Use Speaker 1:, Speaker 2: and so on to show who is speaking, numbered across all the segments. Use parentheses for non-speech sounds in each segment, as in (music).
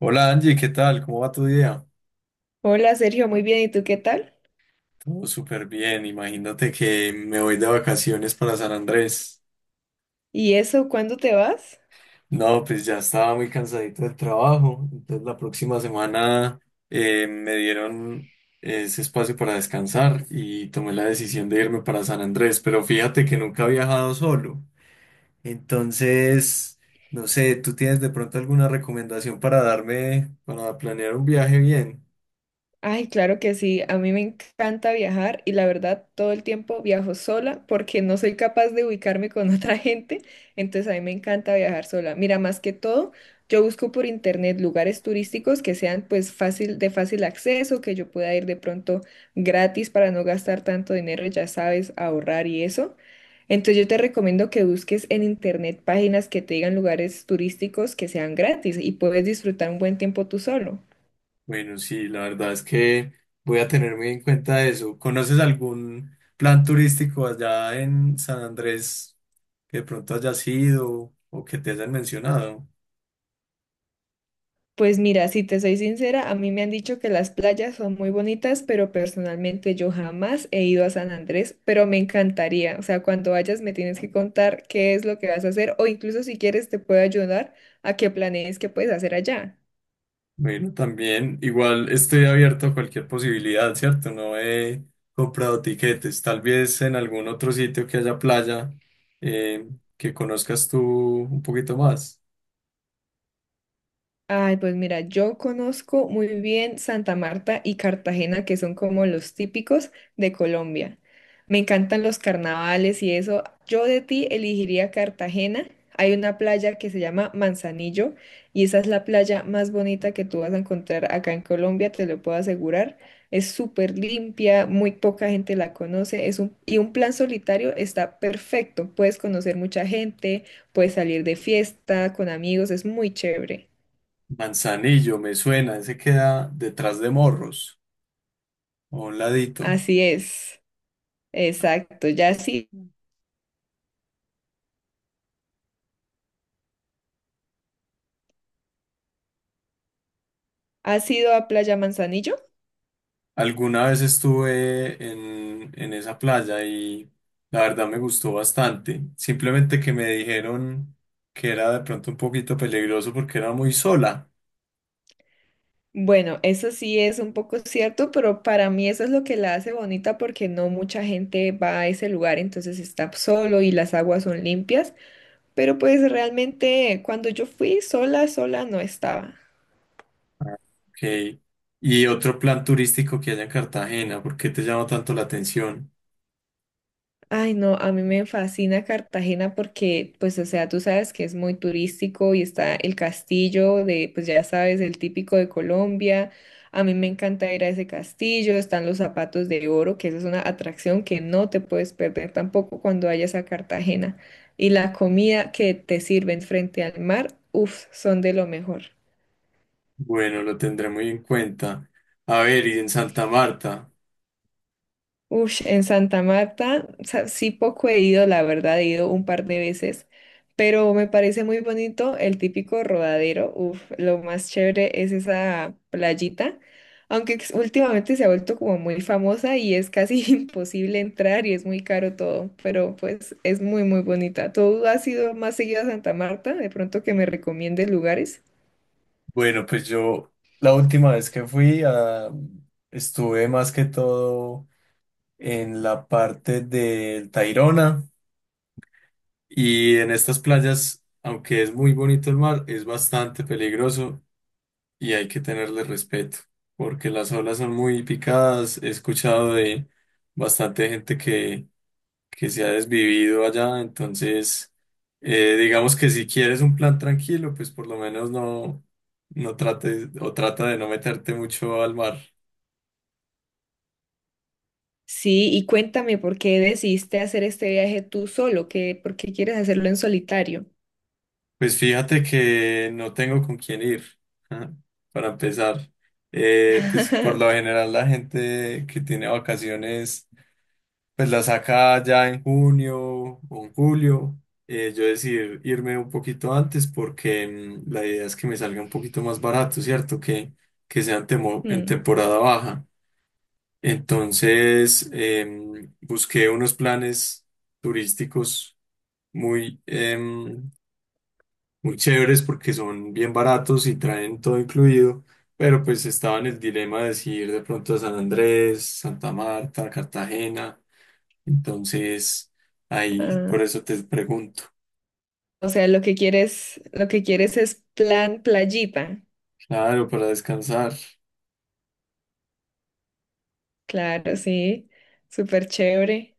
Speaker 1: Hola Angie, ¿qué tal? ¿Cómo va tu día?
Speaker 2: Hola Sergio, muy bien, ¿y tú qué tal?
Speaker 1: Todo súper bien, imagínate que me voy de vacaciones para San Andrés.
Speaker 2: ¿Y eso, cuándo te vas?
Speaker 1: No, pues ya estaba muy cansadito del trabajo, entonces la próxima semana me dieron ese espacio para descansar y tomé la decisión de irme para San Andrés, pero fíjate que nunca he viajado solo. Entonces, no sé, ¿tú tienes de pronto alguna recomendación para darme, para planear un viaje bien?
Speaker 2: Ay, claro que sí, a mí me encanta viajar y la verdad todo el tiempo viajo sola porque no soy capaz de ubicarme con (laughs) otra gente, entonces a mí me encanta viajar sola. Mira, más que todo, yo busco por internet lugares turísticos que sean pues fácil, de fácil acceso, que yo pueda ir de pronto gratis para no gastar tanto dinero, ya sabes, ahorrar y eso. Entonces yo te recomiendo que busques en internet páginas que te digan lugares turísticos que sean gratis y puedes disfrutar un buen tiempo tú solo.
Speaker 1: Bueno, sí, la verdad es que voy a tener muy en cuenta eso. ¿Conoces algún plan turístico allá en San Andrés que de pronto hayas ido o que te hayan mencionado?
Speaker 2: Pues mira, si te soy sincera, a mí me han dicho que las playas son muy bonitas, pero personalmente yo jamás he ido a San Andrés, pero me encantaría. O sea, cuando vayas me tienes que contar qué es lo que vas a hacer o incluso si quieres te puedo ayudar a que planees qué puedes hacer allá.
Speaker 1: Bueno, también igual estoy abierto a cualquier posibilidad, ¿cierto? No he comprado tiquetes. Tal vez en algún otro sitio que haya playa eh, que conozcas tú un poquito más.
Speaker 2: Ay, pues mira, yo conozco muy bien Santa Marta y Cartagena, que son como los típicos de Colombia. Me encantan los carnavales y eso. Yo de ti elegiría Cartagena. Hay una playa que se llama Manzanillo y esa es la playa más bonita que tú vas a encontrar acá en Colombia, te lo puedo asegurar. Es súper limpia, muy poca gente la conoce, es un, y un plan solitario está perfecto. Puedes conocer mucha gente, puedes salir de fiesta con amigos, es muy chévere.
Speaker 1: Manzanillo, me suena, ese queda detrás de Morros, o a un ladito.
Speaker 2: Así es, exacto. Ya sí, ¿has ido a Playa Manzanillo?
Speaker 1: Alguna vez estuve en esa playa y la verdad me gustó bastante. Simplemente que me dijeron que era de pronto un poquito peligroso porque era muy sola.
Speaker 2: Bueno, eso sí es un poco cierto, pero para mí eso es lo que la hace bonita porque no mucha gente va a ese lugar, entonces está solo y las aguas son limpias, pero pues realmente cuando yo fui sola, sola no estaba.
Speaker 1: Ah. Ok. Y otro plan turístico que haya en Cartagena, ¿por qué te llama tanto la atención?
Speaker 2: Ay, no, a mí me fascina Cartagena porque, pues, o sea, tú sabes que es muy turístico y está el castillo de, pues ya sabes, el típico de Colombia. A mí me encanta ir a ese castillo, están los zapatos de oro, que esa es una atracción que no te puedes perder tampoco cuando vayas a Cartagena. Y la comida que te sirven frente al mar, uff, son de lo mejor.
Speaker 1: Bueno, lo tendré muy en cuenta. A ver, y en Santa Marta.
Speaker 2: Ush, en Santa Marta, o sea, sí poco he ido, la verdad, he ido un par de veces, pero me parece muy bonito el típico rodadero. Uf, lo más chévere es esa playita, aunque últimamente se ha vuelto como muy famosa y es casi (laughs) imposible entrar y es muy caro todo, pero pues es muy, muy bonita. ¿Tú has ido más seguido a Santa Marta? De pronto que me recomiendes lugares.
Speaker 1: Bueno, pues yo la última vez que fui ah, estuve más que todo en la parte del Tayrona. Y en estas playas, aunque es muy bonito el mar, es bastante peligroso y hay que tenerle respeto, porque las olas son muy picadas. He escuchado de bastante gente que se ha desvivido allá, entonces digamos que si quieres un plan tranquilo, pues por lo menos no, no trates o trata de no meterte mucho al mar.
Speaker 2: Sí, y cuéntame, ¿por qué decidiste hacer este viaje tú solo? ¿Qué, por qué quieres hacerlo en solitario?
Speaker 1: Pues fíjate que no tengo con quién ir, ajá, para empezar. Pues por lo
Speaker 2: (laughs)
Speaker 1: general la gente que tiene vacaciones, pues la saca ya en junio o en julio. Yo decidí irme un poquito antes porque la idea es que me salga un poquito más barato, ¿cierto? Que sea en, en
Speaker 2: Mm.
Speaker 1: temporada baja. Entonces, busqué unos planes turísticos muy em, muy chéveres porque son bien baratos y traen todo incluido, pero pues estaba en el dilema de si ir de pronto a San Andrés, Santa Marta, Cartagena, entonces ahí
Speaker 2: Ah,
Speaker 1: por eso te pregunto,
Speaker 2: o sea, lo que quieres es plan playita.
Speaker 1: claro, para descansar.
Speaker 2: Claro, sí. Súper chévere.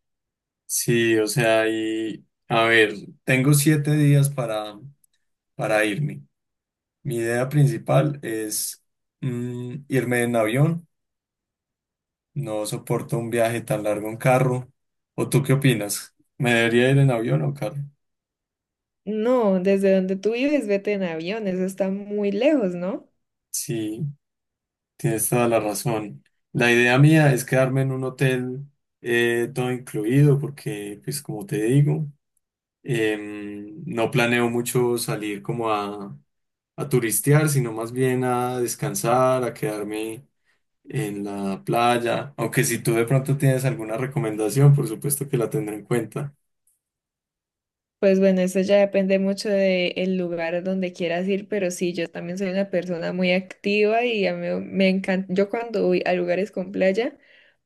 Speaker 1: Sí, o sea, y a ver, tengo 7 días para irme. Mi idea principal es irme en avión, no soporto un viaje tan largo en carro. ¿O tú qué opinas? ¿Me debería ir en avión o en carro?
Speaker 2: No, desde donde tú vives, vete en avión. Eso está muy lejos, ¿no?
Speaker 1: Sí, tienes toda la razón. La idea mía es quedarme en un hotel todo incluido porque, pues como te digo, no planeo mucho salir como a turistear, sino más bien a descansar, a quedarme en la playa. Aunque si tú de pronto tienes alguna recomendación, por supuesto que la tendré en cuenta.
Speaker 2: Pues bueno, eso ya depende mucho del lugar a donde quieras ir, pero sí, yo también soy una persona muy activa y a mí me encanta, yo cuando voy a lugares con playa,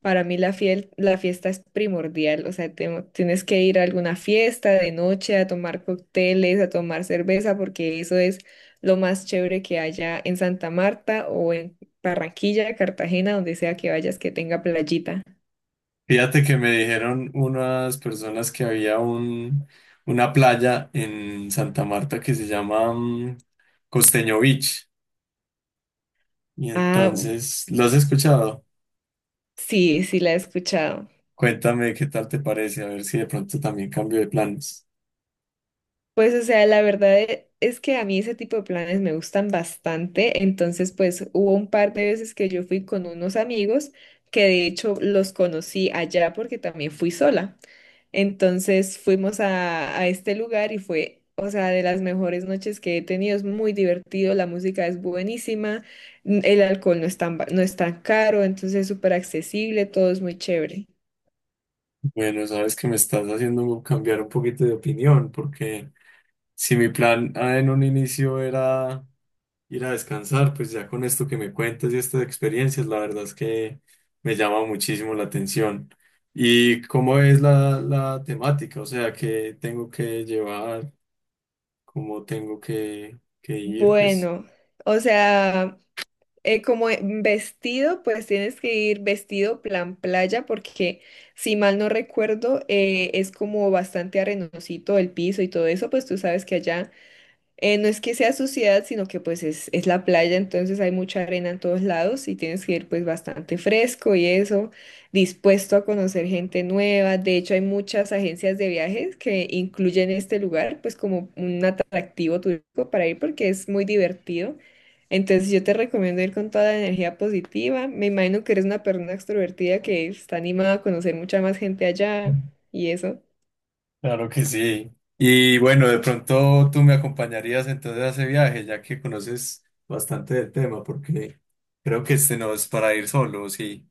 Speaker 2: para mí la fiel, la fiesta es primordial, o sea, tienes que ir a alguna fiesta de noche a tomar cócteles, a tomar cerveza, porque eso es lo más chévere que haya en Santa Marta o en Barranquilla, Cartagena, donde sea que vayas que tenga playita.
Speaker 1: Fíjate que me dijeron unas personas que había un, una playa en Santa Marta que se llama Costeño Beach. Y
Speaker 2: Ah,
Speaker 1: entonces, ¿lo has escuchado?
Speaker 2: sí, sí la he escuchado.
Speaker 1: Cuéntame qué tal te parece, a ver si de pronto también cambio de planes.
Speaker 2: Pues, o sea, la verdad es que a mí ese tipo de planes me gustan bastante. Entonces, pues hubo un par de veces que yo fui con unos amigos que de hecho los conocí allá porque también fui sola. Entonces fuimos a este lugar y fue, o sea, de las mejores noches que he tenido. Es muy divertido, la música es buenísima, el alcohol no es tan, no es tan caro, entonces es súper accesible, todo es muy chévere.
Speaker 1: Bueno, sabes que me estás haciendo cambiar un poquito de opinión, porque si mi plan ah, en un inicio era ir a descansar, pues ya con esto que me cuentas y estas experiencias, la verdad es que me llama muchísimo la atención. ¿Y cómo es la temática? O sea, ¿qué tengo que llevar? ¿Cómo tengo que ir? Pues
Speaker 2: Bueno. O sea, como vestido, pues tienes que ir vestido plan playa, porque si mal no recuerdo, es como bastante arenosito el piso y todo eso, pues tú sabes que allá no es que sea suciedad, sino que pues es la playa, entonces hay mucha arena en todos lados y tienes que ir pues bastante fresco y eso, dispuesto a conocer gente nueva. De hecho, hay muchas agencias de viajes que incluyen este lugar pues como un atractivo turístico para ir porque es muy divertido. Entonces yo te recomiendo ir con toda la energía positiva. Me imagino que eres una persona extrovertida que está animada a conocer mucha más gente allá y eso.
Speaker 1: claro que sí. Y bueno, de pronto tú me acompañarías entonces a ese viaje, ya que conoces bastante del tema, porque creo que este no es para ir solo, sí.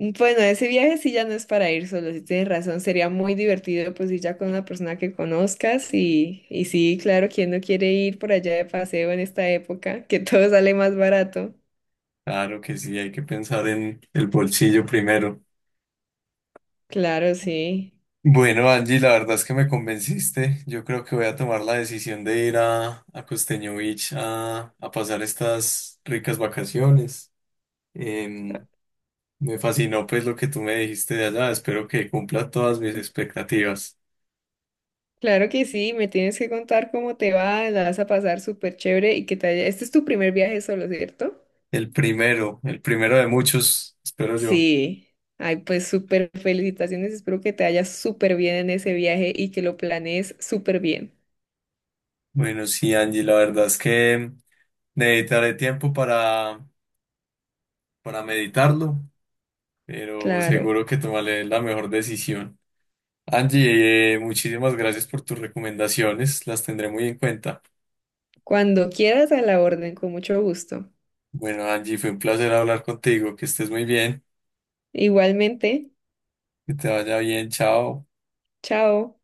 Speaker 2: Bueno, ese viaje sí ya no es para ir solo, si tienes razón, sería muy divertido pues ir ya con una persona que conozcas y sí, claro, ¿quién no quiere ir por allá de paseo en esta época? Que todo sale más barato.
Speaker 1: Claro que sí, hay que pensar en el bolsillo primero.
Speaker 2: Claro, sí.
Speaker 1: Bueno, Angie, la verdad es que me convenciste. Yo creo que voy a tomar la decisión de ir a Costeño Beach a pasar estas ricas vacaciones.
Speaker 2: Ah,
Speaker 1: Em, Me fascinó pues lo que tú me dijiste de allá. Espero que cumpla todas mis expectativas.
Speaker 2: claro que sí, me tienes que contar cómo te va, la vas a pasar súper chévere y que te haya... Este es tu primer viaje solo, ¿cierto?
Speaker 1: El primero de muchos, espero yo.
Speaker 2: Sí. Ay, pues súper felicitaciones, espero que te haya súper bien en ese viaje y que lo planees súper bien.
Speaker 1: Bueno, sí, Angie, la verdad es que necesitaré tiempo para meditarlo, pero
Speaker 2: Claro.
Speaker 1: seguro que tomaré la mejor decisión. Angie, muchísimas gracias por tus recomendaciones, las tendré muy en cuenta.
Speaker 2: Cuando quieras a la orden, con mucho gusto.
Speaker 1: Bueno, Angie, fue un placer hablar contigo, que estés muy bien,
Speaker 2: Igualmente,
Speaker 1: que te vaya bien, chao.
Speaker 2: chao.